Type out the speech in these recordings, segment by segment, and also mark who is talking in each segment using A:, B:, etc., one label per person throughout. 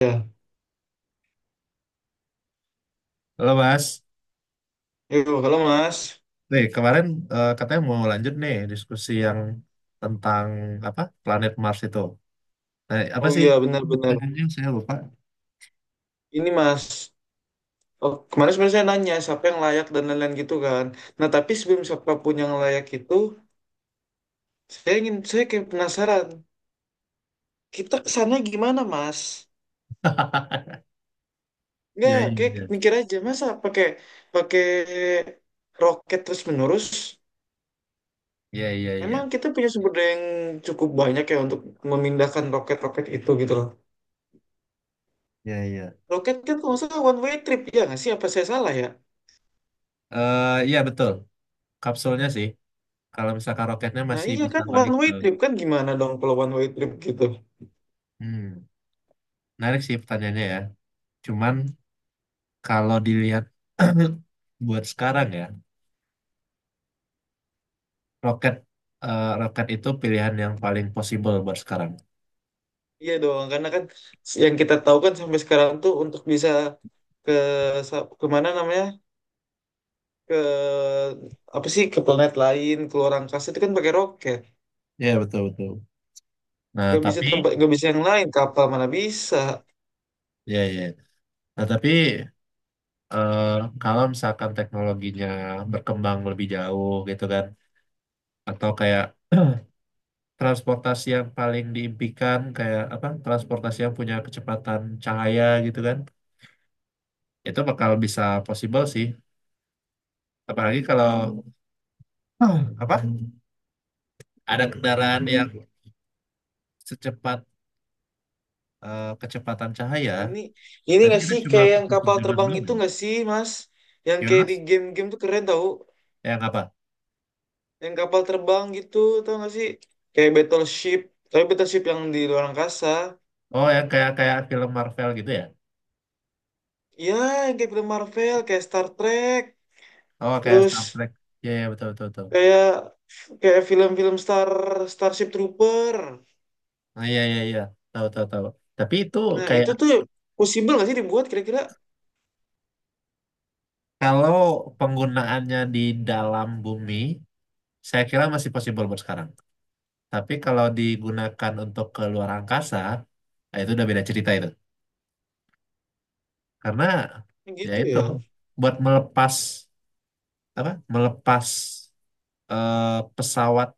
A: Ya,
B: Halo Mas,
A: itu kalau Mas.
B: nih kemarin katanya mau lanjut nih diskusi yang tentang apa planet Mars itu. Nah, apa
A: Oh
B: sih
A: iya, benar-benar.
B: pertanyaannya saya lupa.
A: Ini Mas, oh, kemarin sebenarnya saya nanya siapa yang layak dan lain-lain gitu kan. Nah, tapi sebelum siapapun yang layak itu, saya ingin, saya kayak penasaran. Kita kesana gimana, Mas?
B: Iya
A: Nggak, kayak
B: iya
A: mikir aja, masa pakai pakai roket terus-menerus?
B: iya iya iya
A: Emang kita punya sumber daya yang cukup banyak ya untuk memindahkan roket-roket itu gitu loh.
B: iya iya.
A: Roket kan kalau nggak salah one way trip, ya nggak sih? Apa saya salah ya?
B: Eh, iya betul kapsulnya sih. Kalau misalkan roketnya
A: Nah
B: masih
A: iya
B: bisa
A: kan one
B: balik ke,
A: way trip kan gimana dong kalau one way trip gitu?
B: hmm, menarik sih pertanyaannya ya. Cuman kalau dilihat buat sekarang ya roket roket itu pilihan yang paling possible buat sekarang.
A: Iya dong, karena kan yang kita tahu kan sampai sekarang tuh untuk bisa ke ke mana namanya, ke apa sih, ke planet lain, ke luar angkasa itu kan pakai roket,
B: Iya betul betul. Nah
A: gak bisa
B: tapi
A: tempat, gak bisa yang lain, kapal mana bisa.
B: ya ya nah, tapi eh, kalau misalkan teknologinya berkembang lebih jauh gitu kan, atau kayak transportasi yang paling diimpikan kayak apa? Transportasi yang punya kecepatan cahaya gitu kan, itu bakal bisa possible sih. Apalagi kalau apa? Ada kendaraan yang secepat kecepatan cahaya,
A: Ini ini
B: berarti
A: nggak
B: kita
A: sih
B: cuma
A: kayak yang
B: perlu
A: kapal
B: sejalan
A: terbang
B: belum
A: itu
B: ya?
A: nggak sih Mas, yang
B: Gimana
A: kayak di
B: Mas?
A: game-game tuh keren tau,
B: Yang apa?
A: yang kapal terbang gitu, tau nggak sih, kayak battleship, tapi battleship yang di luar angkasa.
B: Oh, yang kayak kayak film Marvel gitu ya?
A: Iya, kayak film Marvel, kayak Star Trek,
B: Oh, kayak
A: terus
B: Star Trek. Iya, iya, betul, betul, betul.
A: kayak kayak film-film Starship Trooper.
B: Ah, iya iya iya tahu tahu tahu. Tapi itu
A: Nah,
B: kayak
A: itu tuh possible nggak sih dibuat kira-kira
B: kalau penggunaannya di dalam bumi, saya kira masih possible buat sekarang. Tapi kalau digunakan untuk ke luar angkasa, nah itu udah beda cerita itu. Karena ya
A: gitu
B: itu
A: ya?
B: buat melepas apa? Melepas eh, pesawat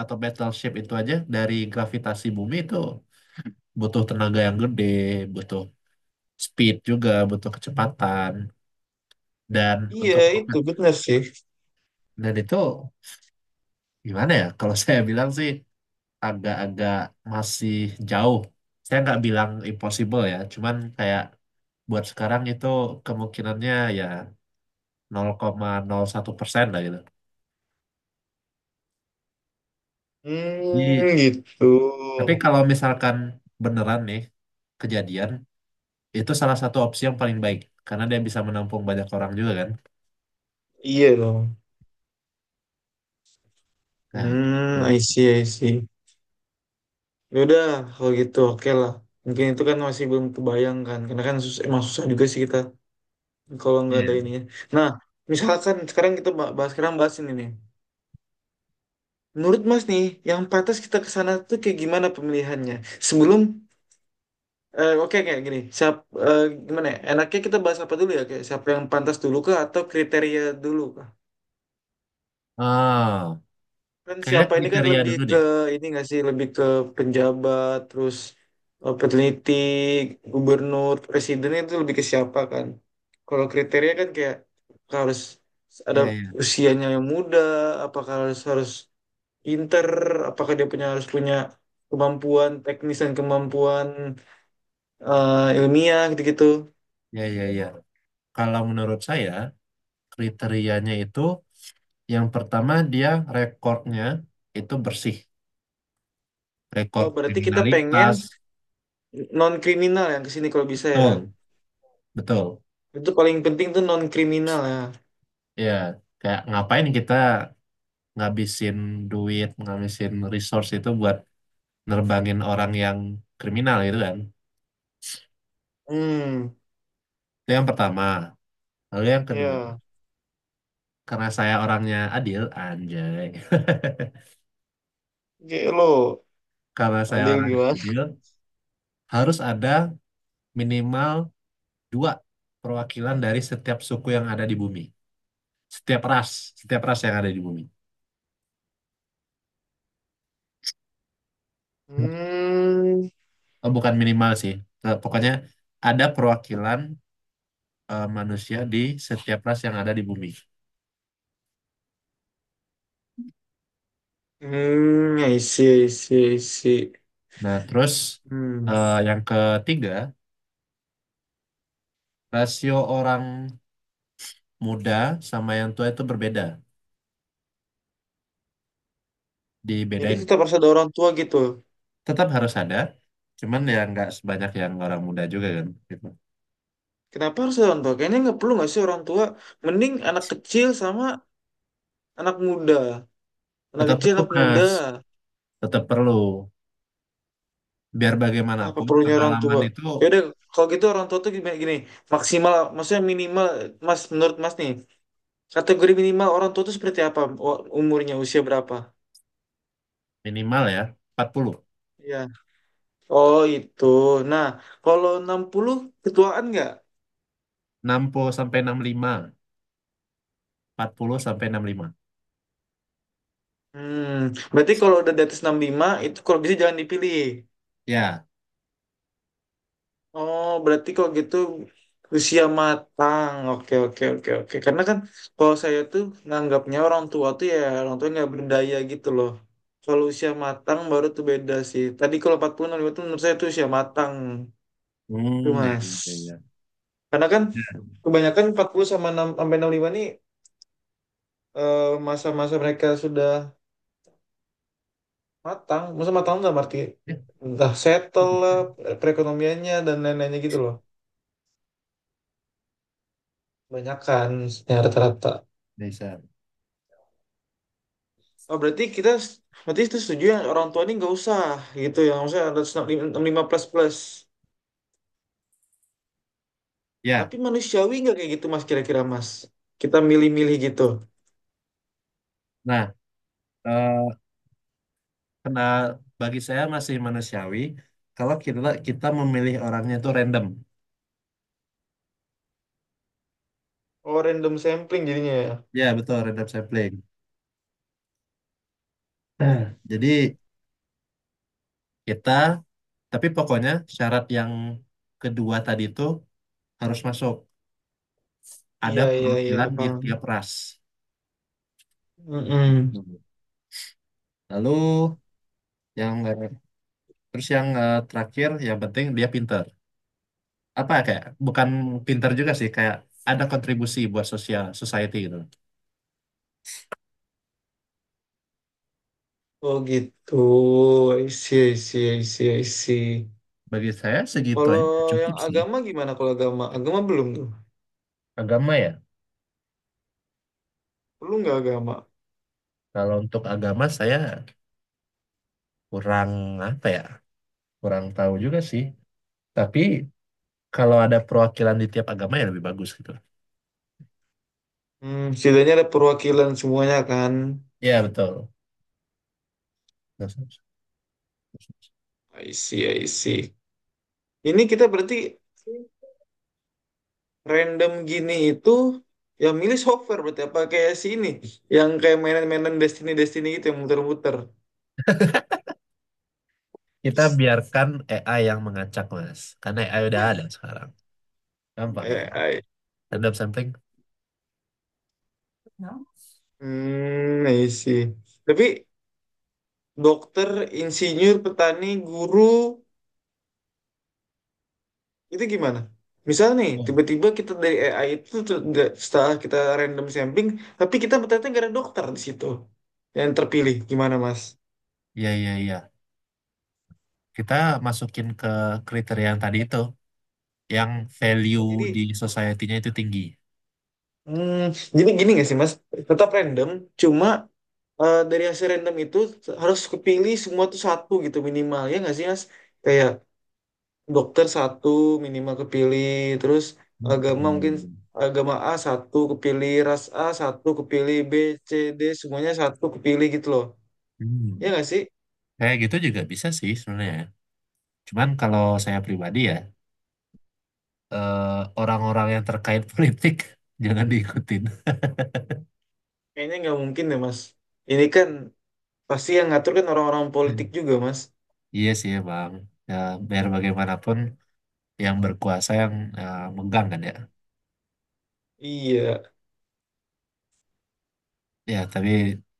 B: atau battleship itu aja dari gravitasi bumi itu butuh tenaga yang gede, butuh speed juga, butuh kecepatan dan
A: Iya,
B: untuk
A: itu
B: roket
A: benar sih.
B: dan itu. Gimana ya? Kalau saya bilang sih agak-agak masih jauh. Saya nggak bilang impossible ya, cuman kayak buat sekarang itu kemungkinannya ya nol nol koma nol satu persen lah gitu. Jadi,
A: Hmm, gitu.
B: tapi kalau misalkan beneran nih kejadian, itu salah satu opsi yang paling baik karena dia bisa menampung banyak orang juga kan.
A: Iya dong.
B: Nah,
A: Hmm,
B: itu.
A: I see, I see. Ya udah, kalau gitu oke lah. Mungkin itu kan masih belum kebayang kan, karena kan susah, emang susah juga sih kita kalau nggak ada
B: Iya.
A: ininya. Nah, misalkan sekarang kita bahas sekarang, bahas ini nih. Menurut Mas nih, yang pantas kita ke sana tuh kayak gimana pemilihannya? Sebelum oke kayak gini, siap, eh, gimana ya? Enaknya kita bahas apa dulu ya? Kayak siapa yang pantas dulu kah atau kriteria dulu kah?
B: Oh,
A: Kan
B: kayaknya
A: siapa ini kan
B: kriteria
A: lebih
B: dulu
A: ke
B: deh.
A: ini nggak sih, lebih ke penjabat, terus peneliti, gubernur, presiden itu lebih ke siapa kan? Kalau kriteria kan kayak harus ada
B: Iya, iya,
A: usianya yang muda, apakah harus harus pinter, apakah dia harus punya kemampuan teknis dan kemampuan ilmiah gitu-gitu.
B: iya, iya, iya. Kalau menurut saya kriterianya itu yang pertama dia rekornya itu bersih,
A: Oh,
B: rekor
A: berarti kita pengen
B: kriminalitas,
A: non kriminal yang kesini kalau bisa ya.
B: betul, betul.
A: Itu paling penting tuh non kriminal ya.
B: Ya, kayak ngapain kita ngabisin duit, ngabisin resource itu buat nerbangin orang yang kriminal gitu kan.
A: Hmm,
B: Itu yang pertama. Lalu yang kedua,
A: ya.
B: karena saya orangnya adil, anjay.
A: Oke, lo
B: Karena saya
A: adil
B: orangnya
A: gimana?
B: adil, harus ada minimal 2 perwakilan dari setiap suku yang ada di bumi. Setiap ras, setiap ras yang ada di bumi.
A: Hmm,
B: Oh, bukan minimal sih. Eh, pokoknya ada perwakilan manusia di setiap ras yang ada di bumi.
A: hmm, I see, I see, I see.
B: Nah, terus
A: Hmm.
B: yang ketiga, rasio orang muda sama yang tua itu berbeda,
A: Jadi
B: dibedain.
A: tetap harus ada orang tua gitu.
B: Tetap harus ada, cuman ya nggak sebanyak yang orang muda juga kan. Gitu.
A: Kenapa harus ada orang tua? Kayaknya nggak perlu nggak sih orang tua? Mending anak kecil sama anak muda. Anak
B: Tetap
A: kecil,
B: perlu,
A: anak muda.
B: Mas. Tetap perlu. Biar
A: Ah, apa
B: bagaimanapun
A: perlunya orang
B: pengalaman
A: tua?
B: itu
A: Ya udah, kalau gitu orang tua tuh gimana, gini, maksimal, maksudnya minimal mas, menurut mas nih, kategori minimal orang tua tuh seperti apa? Umurnya usia berapa
B: minimal ya, 40
A: ya? Oh itu, nah, kalau 60 ketuaan nggak?
B: 60 sampai 65 40 sampai 65.
A: Hmm, berarti kalau udah di atas 65 itu kalau bisa jangan dipilih.
B: Ya.
A: Oh, berarti kok gitu, usia matang. Oke, oke, oke, oke. Karena kan kalau saya tuh nganggapnya orang tua tuh ya orang tua nggak berdaya gitu loh. Kalau usia matang baru tuh beda sih. Tadi kalau 40 65 tuh menurut saya tuh usia matang tuh
B: Hmm, ya,
A: Mas.
B: ya, ya.
A: Karena kan
B: Ya,
A: kebanyakan 40 sama 6 sampai 65 nih, eh, masa-masa mereka sudah matang. Masa matang nggak berarti,
B: ya,
A: entah settle lah perekonomiannya dan lain-lainnya gitu loh. Kebanyakan ya rata-rata.
B: Desa.
A: Oh, berarti kita, berarti itu setuju yang orang tua ini nggak usah gitu, yang maksudnya ada 65 plus plus,
B: Ya,
A: tapi manusiawi nggak kayak gitu mas, kira-kira mas, kita milih-milih gitu?
B: nah, eh, kena bagi saya masih manusiawi kalau kita kita memilih orangnya itu random.
A: Oh random sampling jadinya ya.
B: Ya, betul random sampling. Nah, jadi kita tapi pokoknya syarat yang kedua tadi itu harus masuk. Ada
A: Iya iya iya,
B: perwakilan di
A: paham.
B: tiap ras.
A: Mm-mm.
B: Hmm. Lalu yang eh, terus yang terakhir yang penting dia pinter. Apa ya, kayak bukan pinter juga sih kayak ada kontribusi buat sosial society gitu.
A: Oh gitu, I see, I see, I see, I see.
B: Bagi saya segitu aja
A: Kalau
B: udah cukup
A: yang
B: sih.
A: agama gimana? Kalau agama, agama belum tuh,
B: Agama ya.
A: perlu nggak agama?
B: Kalau untuk agama saya kurang apa ya? Kurang tahu juga sih. Tapi kalau ada perwakilan di tiap agama ya lebih bagus gitu.
A: Hmm, setidaknya ada perwakilan semuanya kan.
B: Iya betul.
A: I see, I see. Ini kita berarti random gini itu, ya milih software berarti, apa kayak si ini yang kayak mainan-mainan Destiny Destiny gitu yang muter-muter.
B: Kita biarkan AI yang mengacak Mas. Karena AI udah ada sekarang. Gampang ya,
A: eh
B: Mas.
A: I-
B: Dan sampling.
A: hmm, I see. Tapi dokter, insinyur, petani, guru, itu gimana? Misal nih
B: Oh,
A: tiba-tiba kita dari AI itu tuh setelah kita random sampling tapi kita ternyata nggak ada dokter di situ yang terpilih gimana mas?
B: iya iya iya. Kita masukin ke kriteria yang tadi itu. Yang
A: Oh,
B: value di
A: jadi,
B: society-nya itu tinggi.
A: hmm, jadi gini gak sih Mas? Tetap random, cuma dari hasil random itu harus kepilih semua tuh satu gitu minimal ya nggak sih Mas? Kayak dokter satu minimal kepilih, terus agama mungkin,
B: Hmm.
A: agama A satu kepilih, ras A satu kepilih, B, C, D semuanya satu kepilih gitu loh.
B: Hmm.
A: Ya nggak sih?
B: Kayak gitu juga bisa sih sebenarnya. Cuman kalau saya pribadi ya, eh, orang-orang yang terkait politik jangan diikutin.
A: Kayaknya nggak mungkin deh Mas. Ini kan pasti yang ngatur kan orang-orang
B: Hmm.
A: politik juga Mas.
B: Iya sih bang. Ya, biar bagaimanapun yang berkuasa yang megang kan ya.
A: Iya,
B: Ya, tapi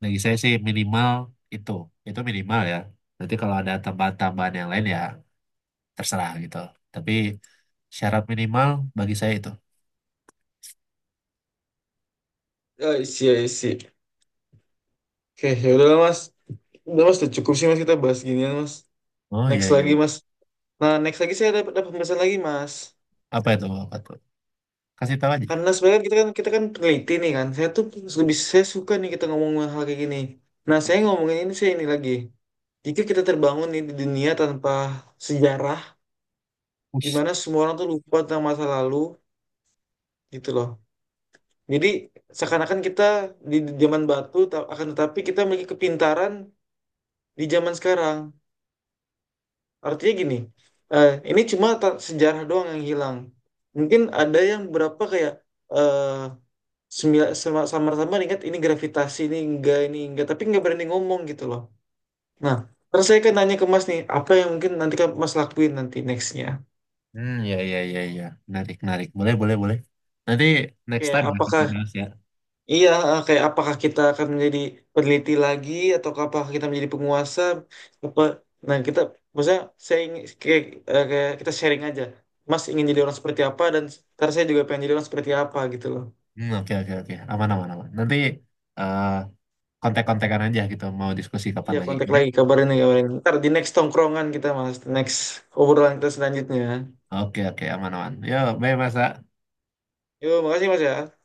B: bagi saya sih minimal itu. Itu minimal ya. Nanti kalau ada tambahan-tambahan yang lain ya terserah gitu. Tapi syarat minimal bagi saya itu.
A: I see, I see. Oke, ya udah Mas. Udah mas, udah cukup sih mas kita bahas ginian mas.
B: Oh iya
A: Next
B: iya.
A: lagi
B: Iya.
A: mas. Nah next lagi saya ada pembahasan lagi mas.
B: Apa itu? Apa itu? Kasih tahu aja.
A: Karena sebenarnya kita kan, kita kan peneliti nih kan. Saya tuh lebih, saya suka nih kita ngomong hal kayak gini. Nah saya ngomongin ini, saya ini lagi. Jika kita terbangun nih di dunia tanpa sejarah, di
B: Ush.
A: mana semua orang tuh lupa tentang masa lalu gitu loh. Jadi seakan-akan kita di zaman batu, akan tetapi kita memiliki kepintaran di zaman sekarang. Artinya gini, ini cuma sejarah doang yang hilang. Mungkin ada yang berapa kayak eh samar-samar ingat ini gravitasi, ini enggak, tapi enggak berani ngomong gitu loh. Nah, terus saya kan nanya ke Mas nih, apa yang mungkin nanti kan Mas lakuin nanti nextnya?
B: Hmm, iya iya iya iya. Menarik menarik. Boleh boleh boleh. Nanti next
A: Kayak
B: time ya kita
A: apakah,
B: bahas ya.
A: iya, kayak apakah kita akan menjadi peneliti lagi atau apakah kita menjadi penguasa apa? Nah, kita maksudnya saya ingin kayak, kayak kita sharing aja. Mas ingin jadi orang seperti apa dan ntar saya juga pengen jadi orang seperti apa gitu loh.
B: Hmm, oke oke oke aman aman aman nanti eh kontak-kontakan aja gitu mau diskusi kapan
A: Iya,
B: lagi.
A: kontak lagi, kabarin nih, kabarin. Ntar di next tongkrongan kita Mas, next obrolan kita selanjutnya.
B: Oke oke oke aman aman yo bye masa
A: Yo, makasih Mas ya.